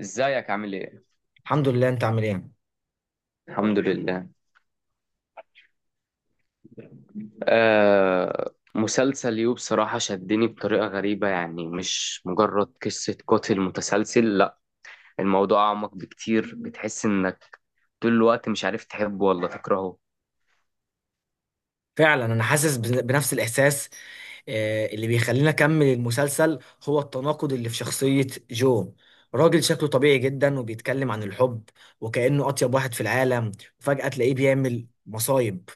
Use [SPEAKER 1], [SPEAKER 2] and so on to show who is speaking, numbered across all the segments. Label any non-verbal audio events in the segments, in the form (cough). [SPEAKER 1] ازيك عامل ايه؟
[SPEAKER 2] الحمد لله. انت عامل ايه؟
[SPEAKER 1] الحمد لله. مسلسل يو بصراحة شدني بطريقة غريبة، يعني مش مجرد قصة قاتل متسلسل. لا، الموضوع أعمق بكتير. بتحس إنك طول الوقت مش عارف تحبه ولا تكرهه.
[SPEAKER 2] فعلا انا حاسس بنفس الاحساس. اللي بيخلينا اكمل المسلسل هو التناقض اللي في شخصية جو. راجل شكله طبيعي جدا وبيتكلم عن الحب وكأنه اطيب واحد في العالم، وفجأة تلاقيه بيعمل مصايب.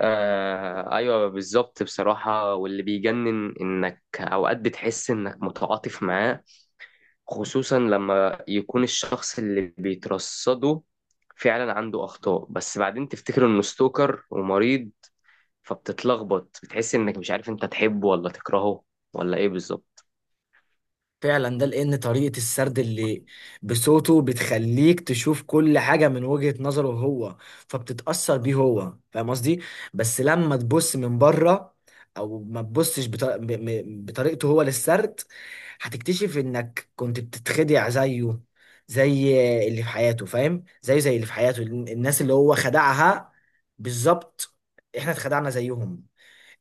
[SPEAKER 1] آه، أيوة بالظبط. بصراحة، واللي بيجنن إنك أوقات بتحس إنك متعاطف معاه، خصوصا لما يكون الشخص اللي بيترصده فعلا عنده أخطاء. بس بعدين تفتكر إنه ستوكر ومريض، فبتتلخبط، بتحس انك مش عارف انت تحبه ولا تكرهه ولا ايه بالظبط.
[SPEAKER 2] فعلا ده لان طريقة السرد اللي بصوته بتخليك تشوف كل حاجة من وجهة نظره هو، فبتتأثر بيه هو. فاهم قصدي؟ بس لما تبص من بره او ما تبصش بطريقته هو للسرد، هتكتشف انك كنت بتتخدع زيه. زي اللي في حياته، فاهم؟ زيه زي اللي في حياته الناس اللي هو خدعها بالظبط، احنا اتخدعنا زيهم.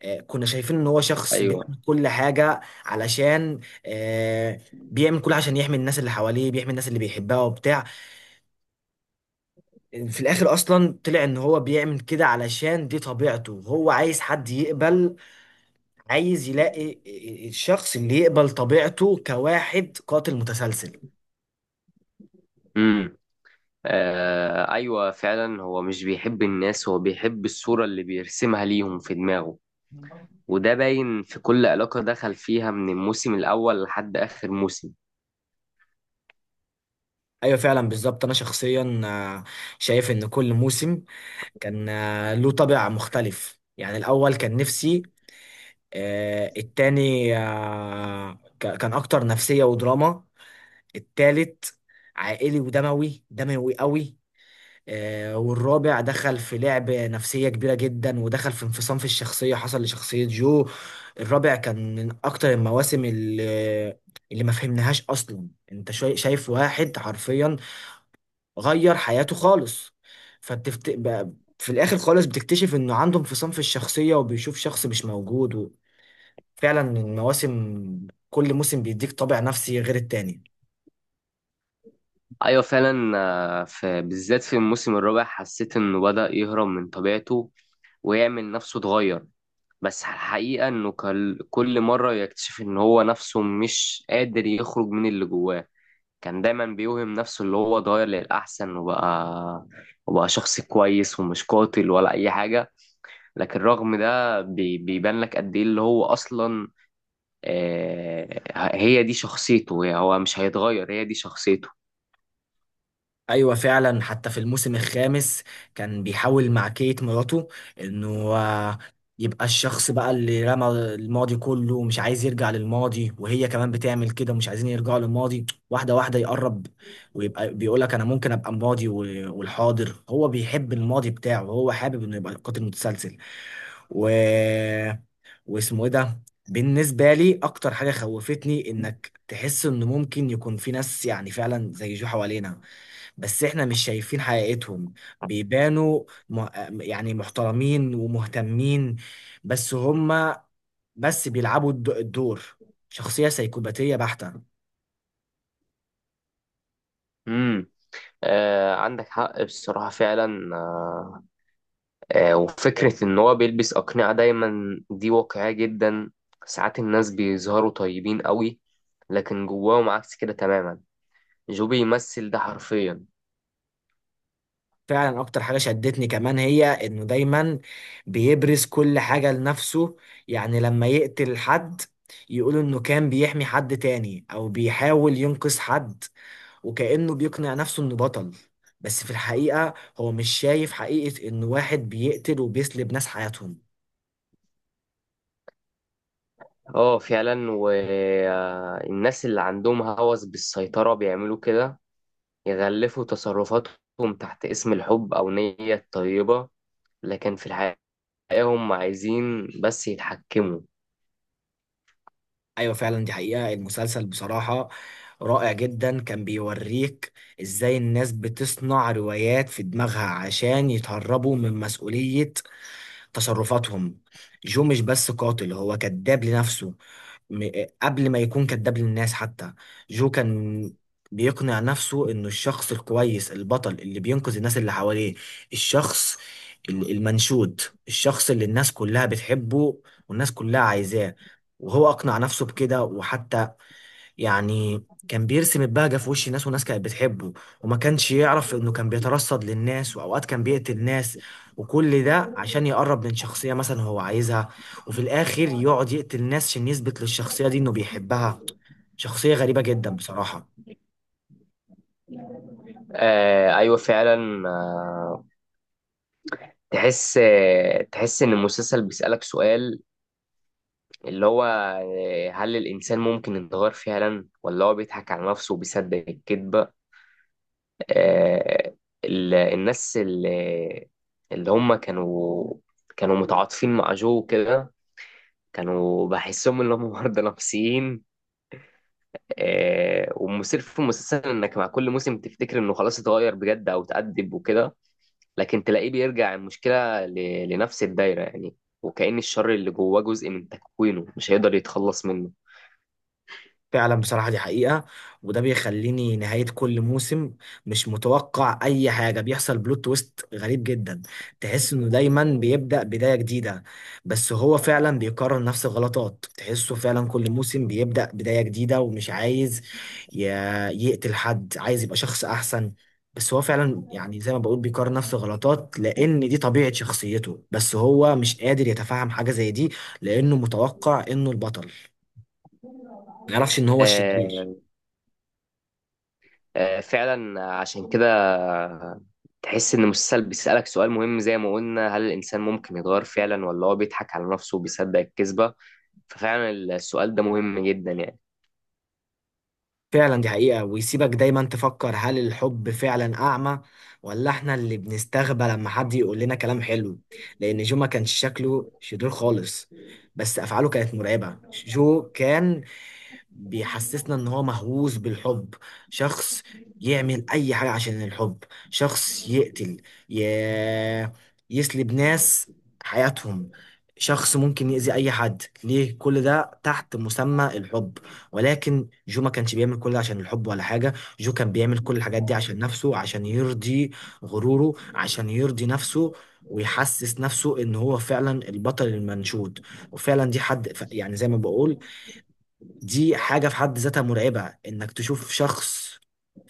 [SPEAKER 2] كنا شايفين ان هو شخص
[SPEAKER 1] ايوه.
[SPEAKER 2] بيعمل كل حاجة علشان، آه، بيعمل كل عشان يحمي الناس اللي حواليه، بيحمي الناس اللي بيحبها وبتاع. في الاخر اصلا طلع ان هو بيعمل كده علشان دي طبيعته، هو عايز حد يقبل، عايز يلاقي الشخص اللي يقبل طبيعته كواحد قاتل متسلسل.
[SPEAKER 1] امم. آه، ايوه فعلا، هو مش بيحب الناس، هو بيحب الصورة اللي بيرسمها ليهم في دماغه. وده باين في كل علاقة دخل فيها من الموسم الأول لحد آخر موسم.
[SPEAKER 2] ايوه فعلا بالظبط. انا شخصيا شايف ان كل موسم كان له طابع مختلف. يعني الاول كان نفسي، التاني آه، ك- كان اكتر نفسية ودراما، التالت عائلي ودموي، دموي قوي. والرابع دخل في لعب نفسية كبيرة جدا، ودخل في انفصام في الشخصية حصل لشخصية جو. الرابع كان من اكتر المواسم اللي ما فهمناهاش اصلا. انت شايف واحد حرفيا غير حياته خالص، في الاخر خالص بتكتشف انه عنده انفصام في الشخصية وبيشوف شخص مش موجود. فعلا المواسم، كل موسم بيديك طابع نفسي غير التاني.
[SPEAKER 1] ايوه فعلا. في بالذات في الموسم الرابع حسيت انه بدأ يهرب من طبيعته ويعمل نفسه اتغير. بس الحقيقة انه كل مرة يكتشف ان هو نفسه مش قادر يخرج من اللي جواه. كان دايما بيوهم نفسه اللي هو اتغير للأحسن وبقى شخص كويس ومش قاتل ولا أي حاجة. لكن رغم ده بيبان لك قد إيه اللي هو أصلا. آه، هي دي شخصيته، يعني هو مش هيتغير، هي دي شخصيته.
[SPEAKER 2] ايوه فعلا. حتى في الموسم الخامس كان بيحاول مع كيت مراته انه آه، يبقى الشخص بقى اللي رمى الماضي كله ومش عايز يرجع للماضي، وهي كمان بتعمل كده ومش عايزين يرجعوا للماضي. واحده واحده يقرب ويبقى بيقولك انا ممكن ابقى الماضي والحاضر. هو بيحب الماضي بتاعه، هو حابب انه يبقى قاتل متسلسل، و واسمه ايه ده. بالنسبة لي اكتر حاجة خوفتني انك تحس ان ممكن يكون في ناس يعني فعلا زي جو حوالينا، بس احنا مش شايفين حقيقتهم. بيبانوا م... يعني محترمين ومهتمين، بس هما بس بيلعبوا الدور. شخصية سيكوباتية بحتة.
[SPEAKER 1] امم، آه، عندك حق. بصراحة فعلا. وفكرة إن هو بيلبس أقنعة دايما دي واقعية جدا. ساعات الناس بيظهروا طيبين قوي، لكن جواهم عكس كده تماما. جو بيمثل ده حرفيا.
[SPEAKER 2] فعلا اكتر حاجه شدتني كمان هي انه دايما بيبرز كل حاجه لنفسه. يعني لما يقتل حد، يقول انه كان بيحمي حد تاني او بيحاول ينقذ حد، وكأنه بيقنع نفسه انه بطل. بس في الحقيقه هو مش شايف حقيقه انه واحد بيقتل وبيسلب ناس حياتهم.
[SPEAKER 1] اه فعلا، والناس اللي عندهم هوس بالسيطرة بيعملوا كده، يغلفوا تصرفاتهم تحت اسم الحب أو نية طيبة، لكن في الحقيقة هم عايزين بس يتحكموا.
[SPEAKER 2] ايوه فعلا، دي حقيقه المسلسل. بصراحه رائع جدا. كان بيوريك ازاي الناس بتصنع روايات في دماغها عشان يتهربوا من مسؤوليه تصرفاتهم. جو مش بس قاتل، هو كذاب لنفسه م- قبل ما يكون كذاب للناس حتى. جو كان بيقنع نفسه انه الشخص الكويس البطل اللي بينقذ الناس اللي حواليه، الشخص المنشود، الشخص اللي الناس كلها بتحبه والناس كلها عايزاه. وهو اقنع نفسه بكده، وحتى يعني كان بيرسم البهجة في وش ناس، وناس كانت بتحبه وما كانش يعرف انه كان بيترصد للناس، واوقات كان بيقتل ناس. وكل ده عشان يقرب من شخصية مثلا هو عايزها، وفي الاخر يقعد يقتل ناس عشان يثبت للشخصية دي انه بيحبها. شخصية غريبة جدا بصراحة.
[SPEAKER 1] آه، أيوة فعلا. تحس إن المسلسل بيسألك سؤال، اللي هو هل الإنسان ممكن يتغير فعلا ولا هو بيضحك على نفسه وبيصدق الكذبة. آه، الناس اللي هم كانوا متعاطفين مع جو كده، كانوا بحسهم ان هم (laughs) مرضى نفسيين. والمثير في المسلسل انك مع كل موسم تفتكر انه خلاص اتغير بجد او اتأدب وكده، لكن تلاقيه بيرجع المشكلة لنفس الدايرة يعني، وكأن الشر اللي جواه جزء من تكوينه مش هيقدر يتخلص منه.
[SPEAKER 2] فعلا بصراحة دي حقيقة. وده بيخليني نهاية كل موسم مش متوقع أي حاجة، بيحصل بلوت تويست غريب جدا. تحس إنه دايما بيبدأ بداية جديدة، بس هو فعلا بيكرر نفس الغلطات. تحسه فعلا كل موسم بيبدأ بداية جديدة ومش عايز ي- يقتل حد، عايز يبقى شخص أحسن. بس هو فعلا يعني زي ما بقول بيكرر نفس الغلطات، لأن دي طبيعة شخصيته، بس هو مش قادر يتفهم حاجة زي دي لأنه متوقع إنه البطل، ما يعرفش إن هو الشرير.
[SPEAKER 1] آه، فعلا عشان كده تحس ان المسلسل بيسألك سؤال مهم زي ما قلنا، هل الانسان ممكن يتغير فعلا ولا هو بيضحك على نفسه وبيصدق الكذبة. ففعلا السؤال ده مهم جدا يعني.
[SPEAKER 2] فعلا دي حقيقة، ويسيبك دايما تفكر هل الحب فعلا أعمى، ولا احنا اللي بنستغبى لما حد يقول لنا كلام حلو. لأن جو ما كانش شكله شرير خالص، بس أفعاله كانت مرعبة. جو كان بيحسسنا ان هو مهووس بالحب، شخص يعمل اي حاجة عشان الحب، شخص يقتل، ي... يسلب ناس حياتهم، شخص ممكن يأذي اي حد ليه كل ده تحت مسمى الحب. ولكن جو ما كانش بيعمل كل ده عشان الحب ولا حاجة، جو كان بيعمل كل الحاجات دي عشان نفسه، عشان يرضي غروره، عشان يرضي نفسه ويحسس نفسه ان هو فعلا البطل المنشود. وفعلا دي يعني زي ما بقول، دي حاجة في حد ذاتها مرعبة، انك تشوف شخص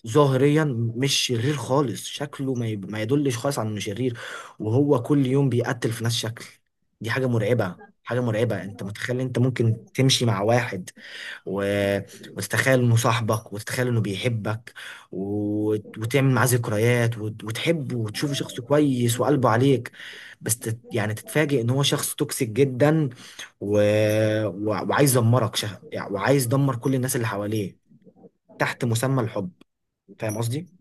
[SPEAKER 2] ظاهريا مش شرير خالص، شكله ما يدلش خالص على انه شرير، وهو كل يوم بيقتل في ناس شكل. دي حاجة مرعبة، حاجة مرعبة. انت متخيل انت ممكن تمشي مع واحد و... وتتخيل انه صاحبك، وتتخيل انه بيحبك، وتعمل معاه ذكريات، وتحبه وتشوفه شخص كويس وقلبه عليك، بس يعني تتفاجئ ان هو شخص توكسيك جدا، و... وعايز يعني وعايز يدمر كل الناس اللي حواليه تحت مسمى الحب. فاهم قصدي؟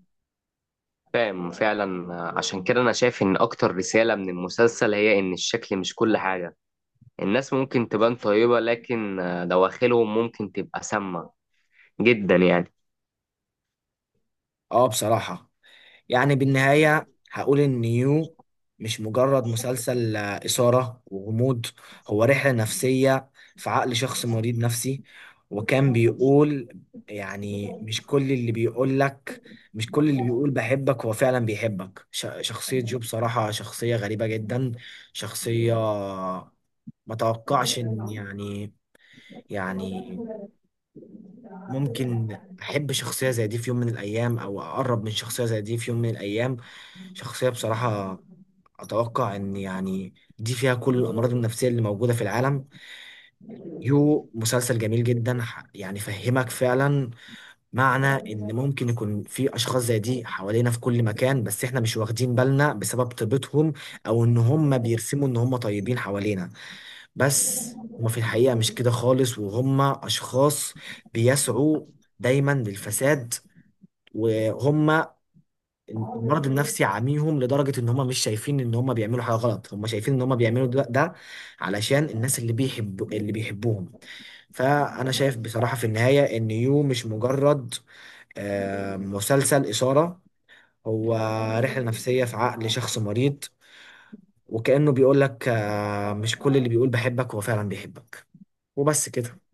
[SPEAKER 1] فاهم فعلا. عشان كده انا شايف ان اكتر رسالة من المسلسل هي ان الشكل مش كل حاجة، الناس ممكن تبان طيبة لكن دواخلهم ممكن تبقى سامة جدا يعني.
[SPEAKER 2] اه بصراحة، يعني بالنهاية هقول إن يو مش مجرد مسلسل إثارة وغموض، هو رحلة نفسية في عقل شخص مريض نفسي. وكان بيقول يعني مش كل اللي بيقول لك، مش كل اللي بيقول بحبك هو فعلا بيحبك. شخصية جو بصراحة شخصية غريبة جدا، شخصية ما توقعش إن يعني ممكن احب شخصيه زي دي في يوم من الايام، او اقرب من شخصيه زي دي في يوم من الايام. شخصيه بصراحه اتوقع ان يعني دي فيها كل الامراض النفسيه اللي موجوده في العالم. يو مسلسل جميل جدا، يعني فهمك فعلا معنى ان ممكن يكون في اشخاص زي دي حوالينا في كل مكان، بس احنا مش واخدين بالنا بسبب طيبتهم، او ان هم بيرسموا ان هم طيبين حوالينا، بس هما في الحقيقه مش كده خالص. وهم اشخاص بيسعوا دايما للفساد، وهم المرض النفسي عاميهم لدرجة ان هم مش شايفين ان هم بيعملوا حاجة غلط، هم شايفين ان هم بيعملوا ده علشان الناس اللي بيحب اللي بيحبوهم. فانا شايف بصراحة في النهاية ان يو مش مجرد مسلسل إثارة، هو رحلة نفسية في عقل شخص مريض، وكأنه بيقول لك مش كل اللي بيقول بحبك هو فعلا بيحبك. وبس كده.